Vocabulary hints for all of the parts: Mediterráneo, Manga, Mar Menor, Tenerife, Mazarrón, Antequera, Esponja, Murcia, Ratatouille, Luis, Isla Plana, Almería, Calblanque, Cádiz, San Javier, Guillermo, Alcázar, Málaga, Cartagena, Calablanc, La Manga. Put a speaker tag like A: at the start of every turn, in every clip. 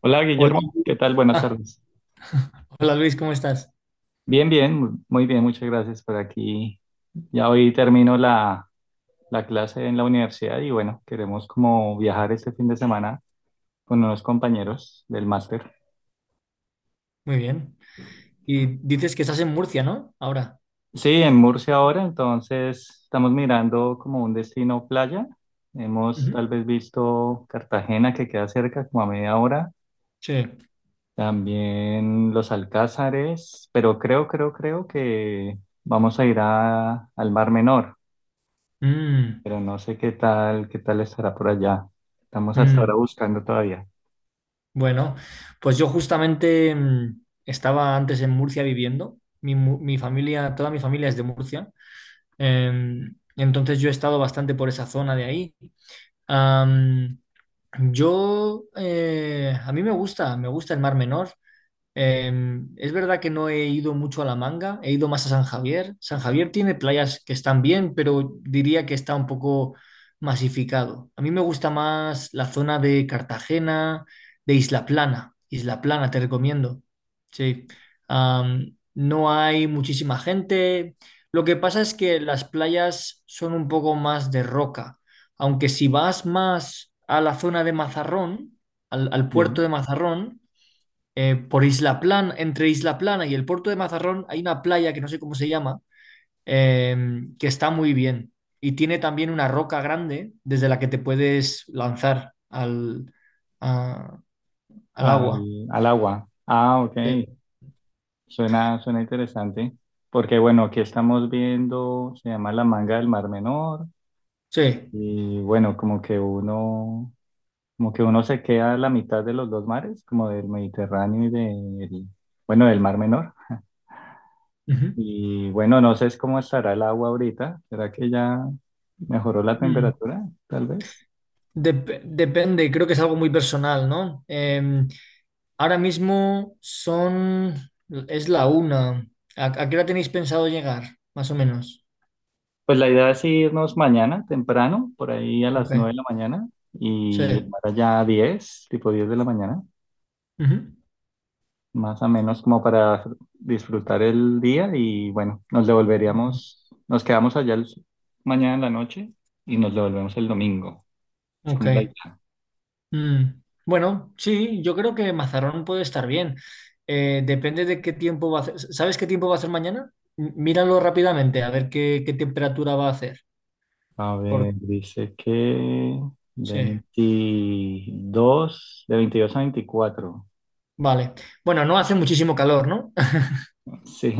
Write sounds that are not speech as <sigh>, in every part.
A: Hola
B: Hola.
A: Guillermo, ¿qué tal? Buenas
B: Ah,
A: tardes.
B: Hola, Luis, ¿cómo estás?
A: Bien, bien, muy bien, muchas gracias por aquí. Ya hoy termino la clase en la universidad y bueno, queremos como viajar este fin de semana con unos compañeros del máster.
B: Muy bien. Y dices que estás en Murcia, ¿no? Ahora.
A: Sí, en Murcia ahora, entonces estamos mirando como un destino playa. Hemos
B: Ujú.
A: tal vez visto Cartagena que queda cerca, como a media hora.
B: Sí.
A: También los Alcázares, pero creo que vamos a ir al Mar Menor.
B: Mm,
A: Pero no sé qué tal estará por allá. Estamos hasta ahora
B: mm.
A: buscando todavía.
B: Bueno, pues yo justamente estaba antes en Murcia viviendo. Mi familia, toda mi familia es de Murcia. Entonces yo he estado bastante por esa zona de ahí. Am, yo, a mí me gusta el Mar Menor. Eh, es verdad que no he ido mucho a La Manga, he ido más a San Javier. San Javier tiene playas que están bien, pero diría que está un poco masificado. A mí me gusta más la zona de Cartagena, de Isla Plana. Isla Plana, te recomiendo. Sí. No hay muchísima gente. Lo que pasa es que las playas son un poco más de roca, aunque si vas más a la zona de Mazarrón, al
A: Sí,
B: puerto de Mazarrón, por Isla Plana, entre Isla Plana y el puerto de Mazarrón hay una playa que no sé cómo se llama, eh, que está muy bien y tiene también una roca grande desde la que te puedes lanzar a- al agua.
A: al agua. Ah, ok.
B: Sí.
A: Suena, suena interesante. Porque bueno, aquí estamos viendo, se llama La Manga del Mar Menor.
B: Sí.
A: Y bueno, como que uno se queda a la mitad de los dos mares, como del Mediterráneo y del, bueno, del Mar Menor.
B: Ujú.
A: Y bueno, no sé es cómo estará el agua ahorita. ¿Será que ya mejoró la
B: Mm.
A: temperatura? Tal vez.
B: Depende, creo que es algo muy personal, ¿no? Ahora mismo es la 1. A qué hora tenéis pensado llegar, más o menos?
A: Pues la idea es irnos mañana temprano, por ahí a
B: Ok,
A: las 9 de la mañana y
B: sí.
A: llegar allá a 10, tipo 10 de la mañana,
B: Ujú.
A: más o menos como para disfrutar el día y bueno, nos devolveríamos, nos quedamos allá mañana en la noche y nos devolvemos el domingo. Es como la
B: Ok.
A: idea.
B: Mm. Bueno, sí, yo creo que Mazarrón puede estar bien. Depende de qué tiempo va a hacer. ¿Sabes qué tiempo va a hacer mañana? Míralo rápidamente a ver qué temperatura va a hacer.
A: A ver,
B: Por...
A: dice que
B: Sí,
A: 22, de 22 a 24.
B: vale. Bueno, no hace muchísimo calor, ¿no?
A: Sí,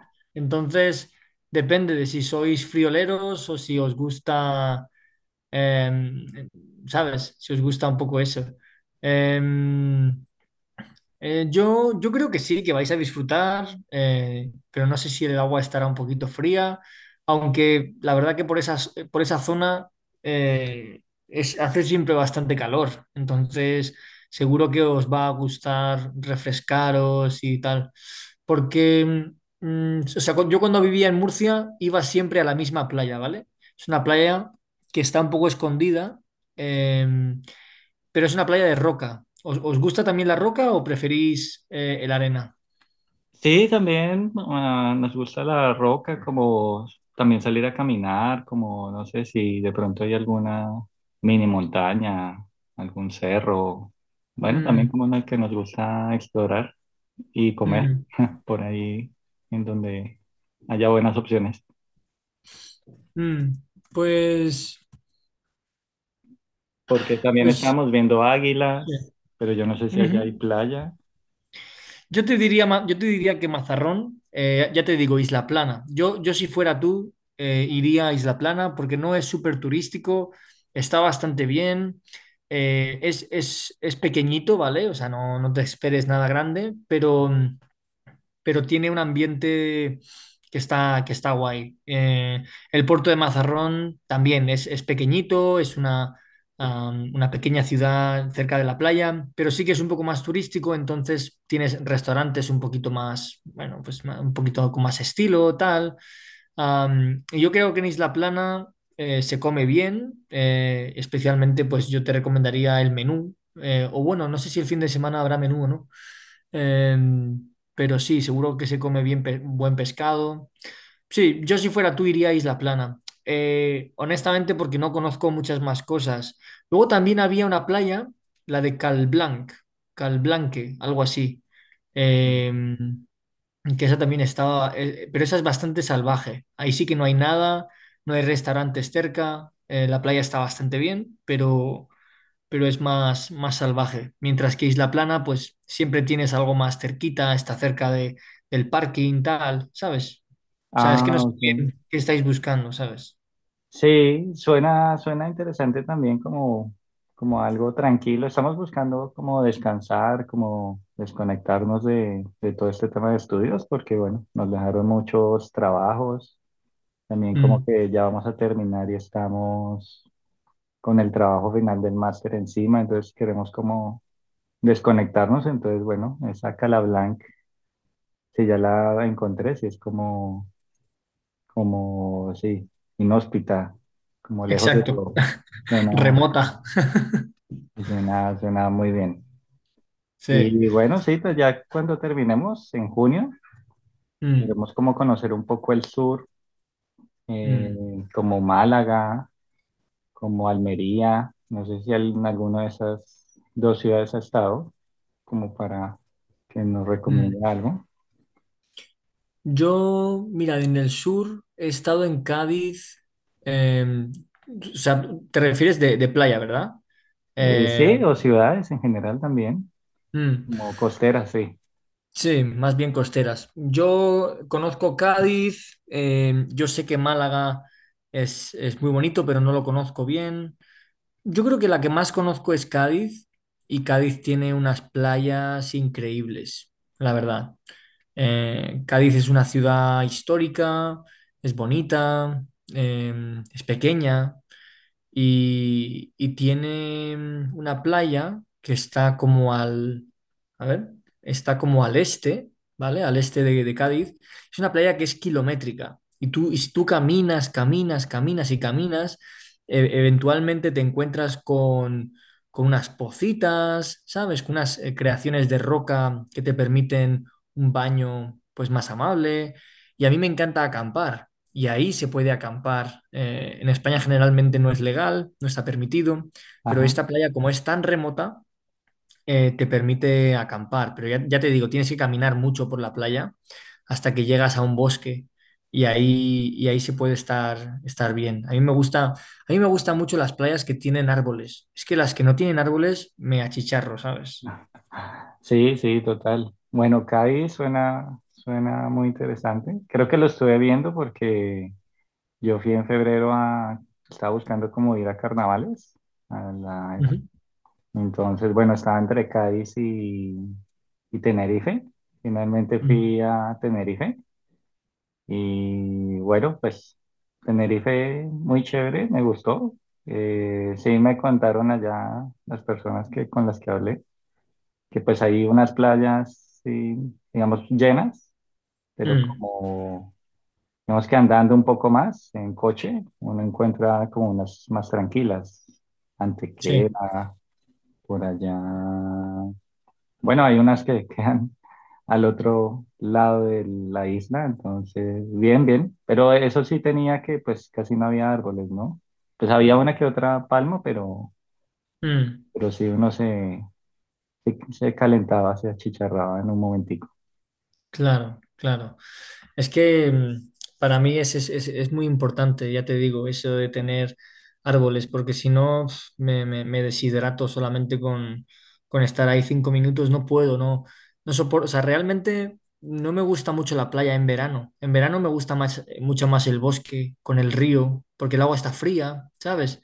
B: <laughs> Entonces, depende de si sois frioleros o si os gusta, em, ¿sabes? Si os gusta un poco eso. Em, yo, yo creo que sí, que vais a disfrutar, pero no sé si el agua estará un poquito fría, aunque la verdad que por esas, por esa zona eh, es, hace siempre bastante calor, entonces seguro que os va a gustar refrescaros y tal, porque o sea, yo cuando vivía en Murcia iba siempre a la misma playa, ¿vale? Es una playa que está un poco escondida. em, pero es una playa de roca. ¿Os, os gusta también la roca o preferís el arena?
A: sí, también ah, nos gusta la roca, como también salir a caminar, como no sé si de pronto hay alguna mini montaña, algún cerro. Bueno, también
B: Mm,
A: como una que nos gusta explorar y comer
B: mm,
A: <laughs> por ahí en donde haya buenas opciones.
B: mm. Pues,
A: Porque también
B: pues,
A: estábamos viendo
B: sí.
A: Águilas, pero yo no sé si allá
B: Ujú.
A: hay playa.
B: Yo te diría, yo te diría que Mazarrón, ya te digo, Isla Plana. Yo si fuera tú, iría a Isla Plana porque no es súper turístico, está bastante bien, eh, es pequeñito, ¿vale? O sea, no, no te esperes nada grande, pero... pero tiene un ambiente que está guay. El puerto de Mazarrón también es pequeñito, es una, una pequeña ciudad cerca de la playa, pero sí que es un poco más turístico, entonces tienes restaurantes un poquito más, bueno, pues un poquito con más estilo, tal. Y yo creo que en Isla Plana se come bien, especialmente pues yo te recomendaría el menú, o bueno, no sé si el fin de semana habrá menú o no. Em, pero sí, seguro que se come bien buen pescado. Sí, yo si fuera tú iría a Isla Plana. Honestamente, porque no conozco muchas más cosas. Luego también había una playa, la de Calblanc, Calblanque, algo así. Em, que esa también estaba, pero esa es bastante salvaje. Ahí sí que no hay nada, no hay restaurantes cerca. Eh, la playa está bastante bien, pero es más, más salvaje. Mientras que Isla Plana, pues siempre tienes algo más cerquita, está cerca de, del parking, tal, ¿sabes? O sea, es que no
A: Ah,
B: sé
A: ok.
B: bien qué estáis buscando, ¿sabes?
A: Sí, suena, suena interesante también como algo tranquilo. Estamos buscando como descansar, como desconectarnos de todo este tema de estudios, porque bueno, nos dejaron muchos trabajos. También como
B: Mm,
A: que ya vamos a terminar y estamos con el trabajo final del máster encima, entonces queremos como desconectarnos. Entonces, bueno, esa Calablanc, si ya la encontré, si es como, sí, inhóspita, como lejos de
B: exacto,
A: todo.
B: <laughs>
A: Suena,
B: remota.
A: Y suena, suena muy bien.
B: Sí.
A: Y bueno, sí, pues ya cuando terminemos en junio,
B: Mm,
A: queremos como conocer un poco el sur, eh,
B: mm,
A: como Málaga, como Almería, no sé si en alguna de esas dos ciudades ha estado, como para que nos recomiende
B: mm.
A: algo.
B: Yo, mira, en el sur he estado en Cádiz. eh, o sea, te refieres de playa, ¿verdad?
A: Eh,
B: Eh,
A: sí, o ciudades en general también,
B: mm.
A: como costeras, sí.
B: Sí, más bien costeras. Yo conozco Cádiz, yo sé que Málaga es muy bonito, pero no lo conozco bien. Yo creo que la que más conozco es Cádiz y Cádiz tiene unas playas increíbles, la verdad. Cádiz es una ciudad histórica, es bonita, es pequeña y tiene una playa que está como al, a ver, está como al este, ¿vale? Al este de Cádiz. Es una playa que es kilométrica y tú, y si tú caminas, caminas, caminas y caminas, eventualmente te encuentras con unas pocitas, ¿sabes? Con unas creaciones de roca que te permiten un baño pues más amable. Y a mí me encanta acampar y ahí se puede acampar. En España generalmente no es legal, no está permitido, pero
A: Ajá.
B: esta playa, como es tan remota, te permite acampar. Pero ya, ya te digo, tienes que caminar mucho por la playa hasta que llegas a un bosque y ahí se puede estar, estar bien. A mí me gusta, a mí me gustan mucho las playas que tienen árboles. Es que las que no tienen árboles me achicharro, ¿sabes?
A: Sí, sí, total. Bueno, Cádiz suena, suena muy interesante. Creo que lo estuve viendo porque yo fui en febrero estaba buscando como ir a carnavales. a la-
B: Ujú.
A: entonces, bueno, estaba entre Cádiz y Tenerife. Finalmente
B: Mm,
A: fui a Tenerife y bueno, pues Tenerife muy chévere, me gustó. Sí me contaron allá las personas con las que hablé, que pues hay unas playas, sí, digamos, llenas, pero
B: mm,
A: como Digamos que andando un poco más en coche, uno encuentra como unas más tranquilas.
B: sí,
A: Antequera, por allá. Bueno, hay unas que <laughs> quedan al otro lado de la isla, entonces, bien, bien. Pero eso sí tenía que, pues casi no había árboles, ¿no? Pues había una que otra palma, pero,
B: mm,
A: pero sí uno se calentaba, se achicharraba en un momentico.
B: claro, claro. Es que para mí es, es muy importante, ya te digo, eso de tener árboles, porque si no pf, me deshidrato solamente con estar ahí 5 minutos, no puedo, no, no soporto, o sea, realmente no me gusta mucho la playa en verano. En verano me gusta más, mucho más el bosque con el río, porque el agua está fría, ¿sabes?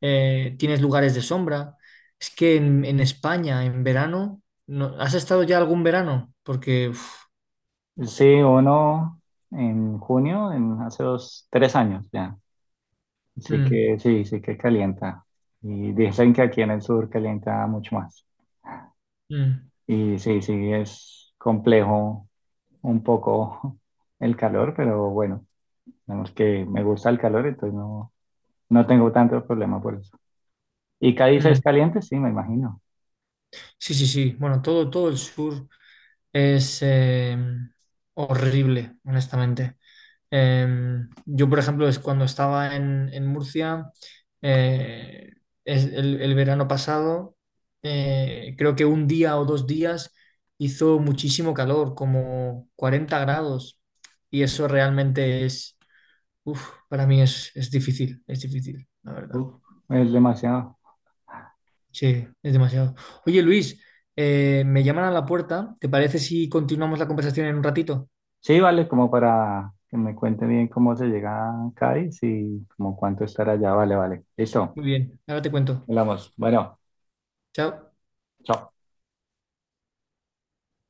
B: Tienes lugares de sombra. Es que en España, en verano, no, ¿has estado ya algún verano? Porque... uf,
A: Sí, uno en junio, en hace 2, 3 años ya. Sí
B: mm,
A: que, sí, sí que calienta. Y dicen que aquí en el sur calienta mucho más.
B: mm.
A: Y sí, sí, es complejo un poco <laughs> el calor, pero bueno, digamos que me gusta el calor, entonces no, no tengo tanto problema por eso. ¿Y Cádiz es
B: Mm.
A: caliente? Sí, me imagino.
B: Sí, sí, sí. Bueno, todo, todo el sur es horrible, honestamente. Eh, yo, por ejemplo, es cuando estaba en Murcia, eh, el verano pasado, creo que un día o dos días hizo muchísimo calor, como 40 grados, y eso realmente es, uf, para mí es difícil, la verdad.
A: Uf, es demasiado.
B: Sí, es demasiado. Oye, Luis, me llaman a la puerta. ¿Te parece si continuamos la conversación en un ratito?
A: Sí, vale, como para que me cuente bien cómo se llega a Cádiz y como cuánto estar allá. Vale, vale. Listo,
B: Muy bien, ahora te cuento.
A: hablamos. Bueno,
B: Chao.
A: chao.